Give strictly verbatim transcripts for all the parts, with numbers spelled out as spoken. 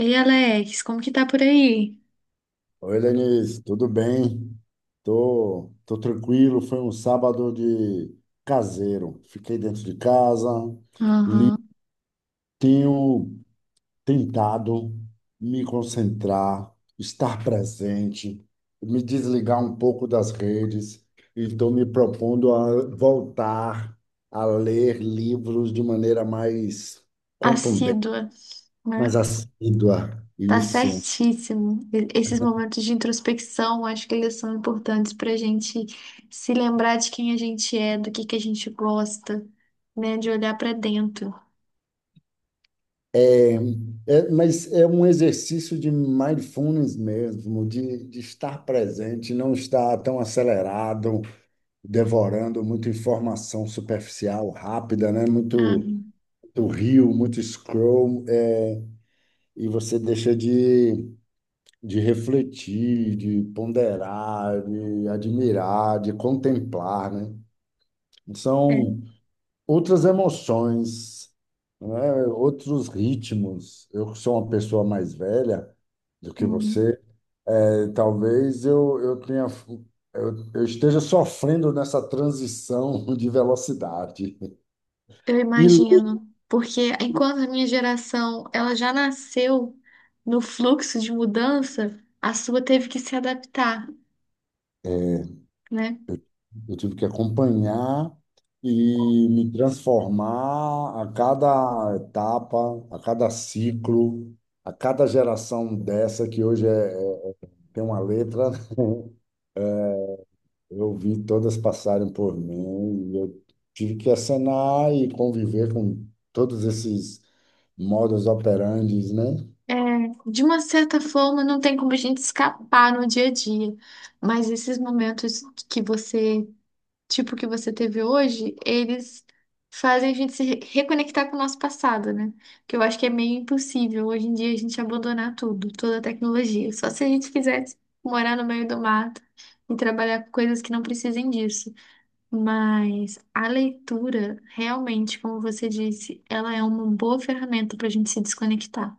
Ei, Alex, como que tá por aí? Oi, Lenise, tudo bem? Tô, tô tranquilo. Foi um sábado de caseiro. Fiquei dentro de casa, li, Aham. tenho tentado me concentrar, estar presente, me desligar um pouco das redes e estou me propondo a voltar a ler livros de maneira mais contundente, Assídua, mais né? assídua. Tá Isso. certíssimo. E- Esses momentos de introspecção, acho que eles são importantes pra gente se lembrar de quem a gente é, do que que a gente gosta, né? De olhar pra dentro. É, mas é um exercício de mindfulness mesmo, de, de estar presente, não estar tão acelerado, devorando muita informação superficial, rápida, né? Muito, Aham. muito reel, muito scroll, é, e você deixa de, de refletir, de ponderar, de admirar, de contemplar, né? É. São outras emoções, né? Outros ritmos. Eu que sou uma pessoa mais velha do que Uhum. você. Talvez eu, eu tenha, eu, eu esteja sofrendo nessa transição de velocidade. Eu E lento. imagino, porque enquanto a minha geração, ela já nasceu no fluxo de mudança, a sua teve que se adaptar, né? Eu tive que acompanhar e me transformar a cada etapa, a cada ciclo, a cada geração dessa que hoje é, é- tem uma letra. Eu vi todas passarem por mim e eu tive que acenar e conviver com todos esses modus operandes, né? É, de uma certa forma, não tem como a gente escapar no dia a dia, mas esses momentos que você, tipo que você teve hoje, eles fazem a gente se re- reconectar com o nosso passado, né? Que eu acho que é meio impossível hoje em dia a gente abandonar tudo, toda a tecnologia. Só se a gente quisesse morar no meio do mato e trabalhar com coisas que não precisem disso. Mas a leitura, realmente, como você disse, ela é uma boa ferramenta para a gente se desconectar.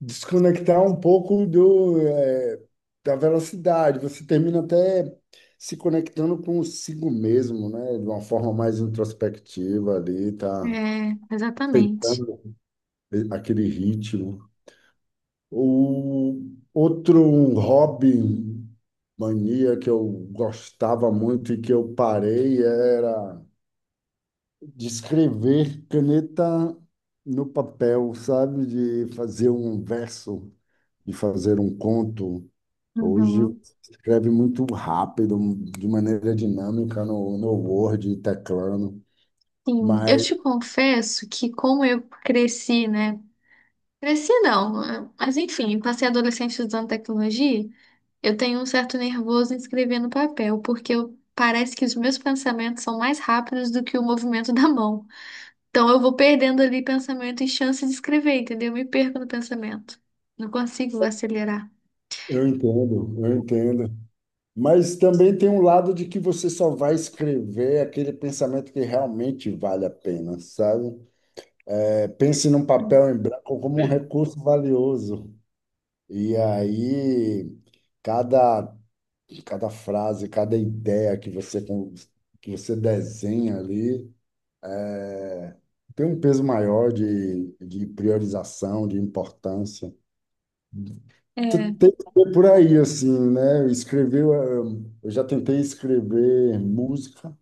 Desconectar um pouco do, eh, da velocidade. Você termina até se conectando consigo mesmo, né? De uma forma mais introspectiva ali, tá É, exatamente. aceitando aquele ritmo. O outro um hobby, mania que eu gostava muito e que eu parei era de escrever caneta no papel, sabe? De fazer um verso, de fazer um conto. Hoje Uhum. você escreve muito rápido, de maneira dinâmica no, no Word, teclando, Sim, eu mas te confesso que como eu cresci, né? Cresci não, eh, mas enfim, passei adolescente usando tecnologia, eu tenho um certo nervoso em escrever no papel, porque eu- parece que os meus pensamentos são mais rápidos do que o movimento da mão. Então eu vou perdendo ali pensamento e chance de escrever, entendeu? Eu me perco no pensamento. Não consigo acelerar. eu entendo, eu entendo. Mas também tem um lado de que você só vai escrever aquele pensamento que realmente vale a pena, sabe? É, pense num Hum. papel em branco como um recurso valioso. E aí, cada, cada frase, cada ideia que você, con- que você desenha ali. É, tem um peso maior de, de priorização, de importância. Tu É Tem que ser por aí, assim, né? Escrever, eh, eu já tentei escrever música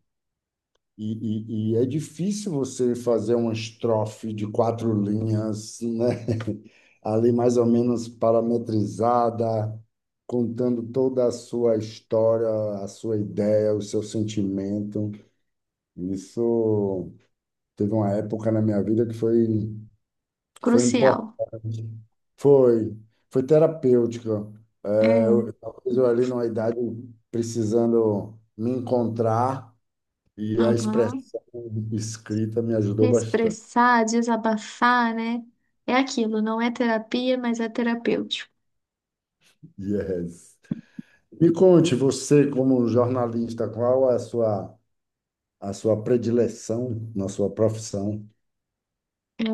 e, e, e é difícil você fazer uma estrofe de quatro linhas, né? Ali mais ou menos parametrizada, contando toda a sua história, a sua ideia, o seu sentimento. Isso teve uma época na minha vida que foi. Foi crucial. importante. Foi, foi terapêutica. É, eu, É. talvez eu ali numa idade precisando me encontrar e a Aham. expressão escrita me De ajudou bastante. expressar, desabafar, né? É aquilo, não é terapia, mas é terapêutico. Yes. Me conte, você como jornalista, qual é a sua, a sua predileção na sua profissão? É,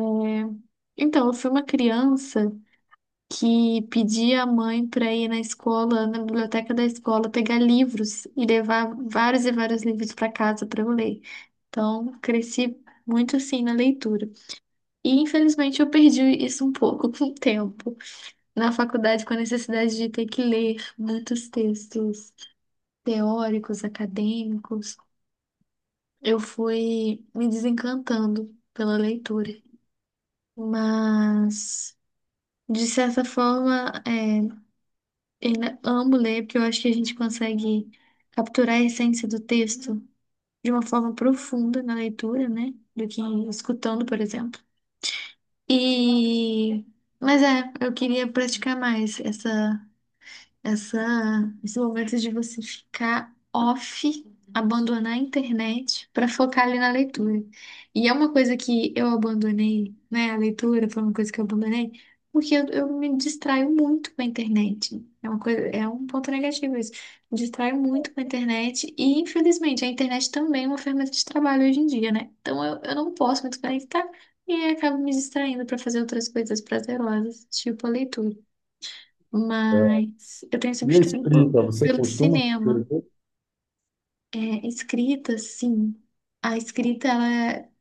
então, eu fui uma criança que pedia à mãe para ir na escola, na biblioteca da escola, pegar livros e levar vários e vários livros para casa para eu ler. Então, cresci muito assim na leitura. E infelizmente eu perdi isso um pouco com o tempo. Na faculdade, com a necessidade de ter que ler muitos textos teóricos, acadêmicos. Eu fui me desencantando pela leitura, mas de certa forma, é, ainda amo ler porque eu acho que a gente consegue capturar a essência do texto de uma forma profunda na leitura, né? Do que escutando, por exemplo. E mas é, eu queria praticar mais essa essa, esse momento de você ficar off, abandonar a internet para focar ali na leitura. E é uma coisa que eu abandonei, né? A leitura foi uma coisa que eu abandonei, porque eu, eu me distraio muito com a internet. É uma coisa, é um ponto negativo isso. Me distraio muito com a internet e, infelizmente, a internet também é uma ferramenta de trabalho hoje em dia, né? Então eu, eu não posso me desconectar e acabo me distraindo para fazer outras coisas prazerosas, tipo a leitura. É, Mas eu tenho esse e a mistério pelo, escrita, você pelo costuma cinema. escrever? É, escrita, sim. A escrita, ela, é-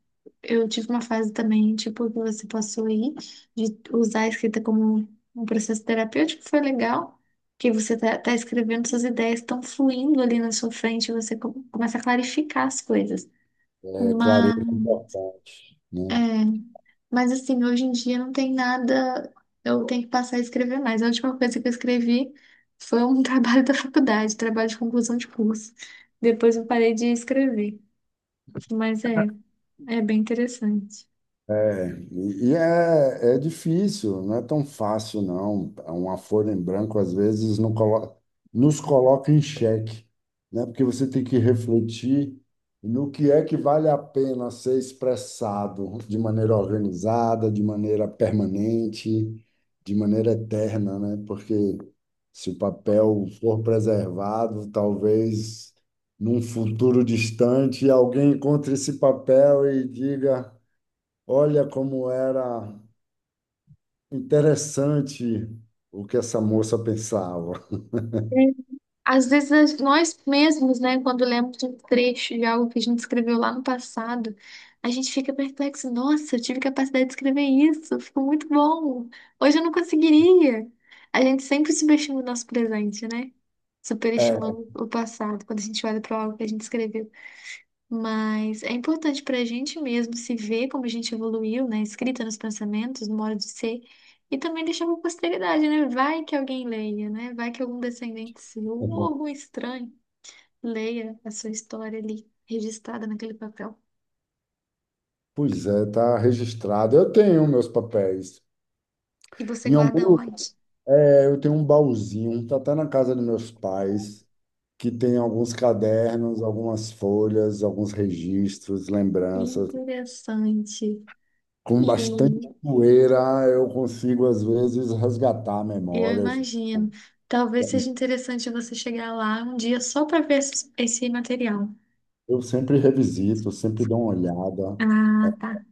eu tive uma fase também, tipo, que você passou aí, de usar a escrita como um processo terapêutico, foi legal, que você tá, tá escrevendo, suas ideias estão fluindo ali na sua frente, você co- começa a clarificar as coisas. É, clareza é importante, É, né? mas assim, hoje em dia não tem nada, eu tenho que passar a escrever mais. A última coisa que eu escrevi foi um trabalho da faculdade, trabalho de conclusão de curso. Depois eu parei de escrever, mas é, é bem interessante. É, e e é, é difícil, não é tão fácil, não. Uma folha em branco, às vezes, não colo- nos coloca em xeque, né? Porque você tem que refletir no que é que vale a pena ser expressado de maneira organizada, de maneira permanente, de maneira eterna, né? Porque se o papel for preservado, talvez num futuro distante alguém encontre esse papel e diga. Olha como era interessante o que essa moça pensava. Às vezes nós nós mesmos, né, quando lemos um trecho de algo que a gente escreveu lá no passado, a gente fica perplexo, nossa, eu tive capacidade de escrever isso, ficou muito bom. Hoje eu não conseguiria. A gente sempre subestima o nosso presente, né? É, Superestimando o passado quando a gente olha para algo que a gente escreveu. Mas é importante para a gente mesmo se ver como a gente evoluiu, né? Escrita nos pensamentos, no modo de ser. E também deixar para posteridade, né? Vai que alguém leia, né? Vai que algum descendente seu ou algum estranho leia a sua história ali, registrada naquele papel. pois é, está registrado. Eu tenho meus papéis. E você Em guarda algum, onde? é, eu tenho um baúzinho, está até na casa dos meus pais, que tem alguns cadernos, algumas folhas, alguns registros, lembranças. Interessante. Com bastante E poeira, eu consigo, às vezes, resgatar eu memórias. imagino. Talvez seja interessante você chegar lá um dia só para ver esse esse material. Eu sempre revisito, sempre dou uma olhada. Ah, tá.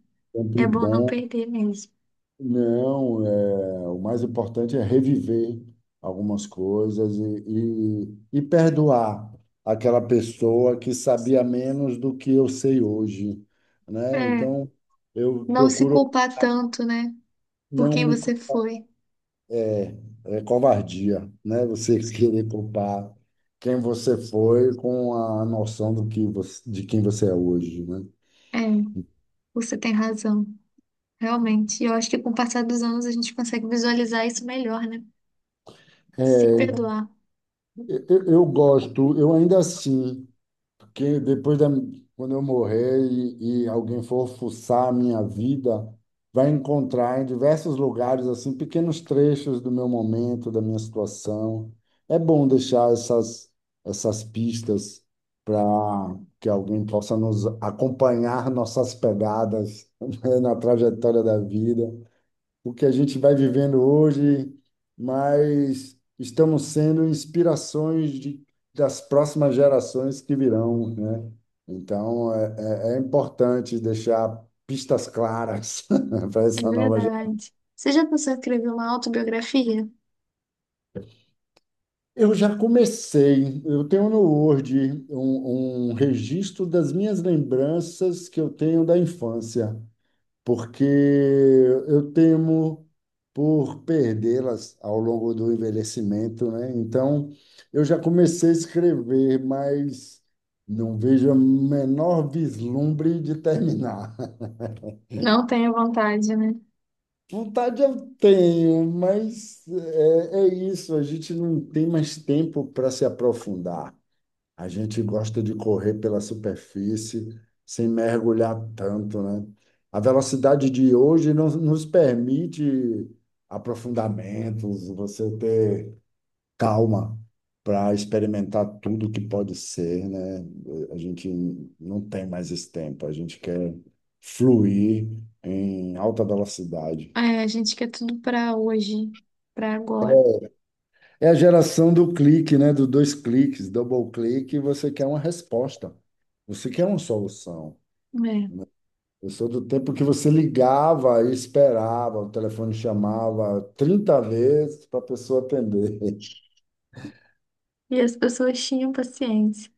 É Sempre bom não bom. perder mesmo. Não, é, o mais importante é reviver algumas coisas e, e, e perdoar aquela pessoa que sabia menos do que eu sei hoje, né? É. Então, eu Não se procuro culpar tanto, né? Por não quem me... cu- você foi. é covardia, né? Você querer culpar quem você foi com a noção do que você, de quem você é hoje, né? É, você tem razão. Realmente. E eu acho que com o passar dos anos a gente consegue visualizar isso melhor, né? Se É, perdoar. Eu, eu gosto, eu ainda assim. Porque depois da, quando eu morrer e, e alguém for fuçar a minha vida, vai encontrar em diversos lugares assim pequenos trechos do meu momento, da minha situação. É bom deixar essas essas pistas para que alguém possa nos acompanhar nossas pegadas, né, na trajetória da vida o que a gente vai vivendo hoje, mas estamos sendo inspirações de, das próximas gerações que virão, né? Então, é, é, é importante deixar pistas claras para É essa nova geração. verdade. Você já pensou em escrever uma autobiografia? Eu já comecei, eu tenho no Word um, um registro das minhas lembranças que eu tenho da infância. Porque eu temo por perdê-las ao longo do envelhecimento, né? Então, eu já comecei a escrever, mas não vejo o menor vislumbre de terminar. Não tenho vontade, né? Vontade eu tenho, mas é, é isso, a gente não tem mais tempo para se aprofundar. A gente gosta de correr pela superfície sem mergulhar tanto, né? A velocidade de hoje não nos permite aprofundamentos, você ter calma para experimentar tudo que pode ser, né? A gente não tem mais esse tempo, a gente quer fluir em alta velocidade. É, a gente quer tudo pra hoje, pra agora. É a geração do clique, né? Do dois cliques, double clique, você quer uma resposta. Você quer uma solução. Né? Eu sou do tempo que você ligava e esperava, o telefone chamava trinta vezes para a pessoa atender. E as pessoas tinham paciência.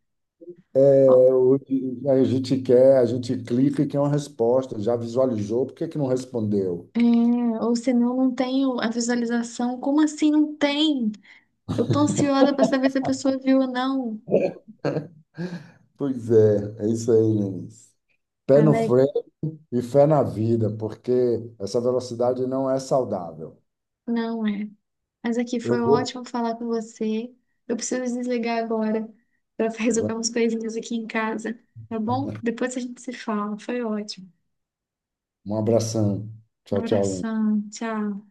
Ó, É, hoje a gente quer, a gente clica e quer uma resposta, já visualizou, por que que não respondeu? é, ou senão não tenho a visualização. Como assim não tem? Eu tô ansiosa pra saber se a pessoa viu ou não. Pois é, é isso aí, Lenice. Pé no Alex. freio e fé na vida, porque essa velocidade não é saudável. Não é. Mas aqui Eu foi vou. ótimo falar com você. Eu preciso desligar agora para resolver umas coisinhas aqui em casa, tá bom? Depois a gente se fala. Foi ótimo. Um abração. Um Tchau, tchau, Lenice. abração. Tchau.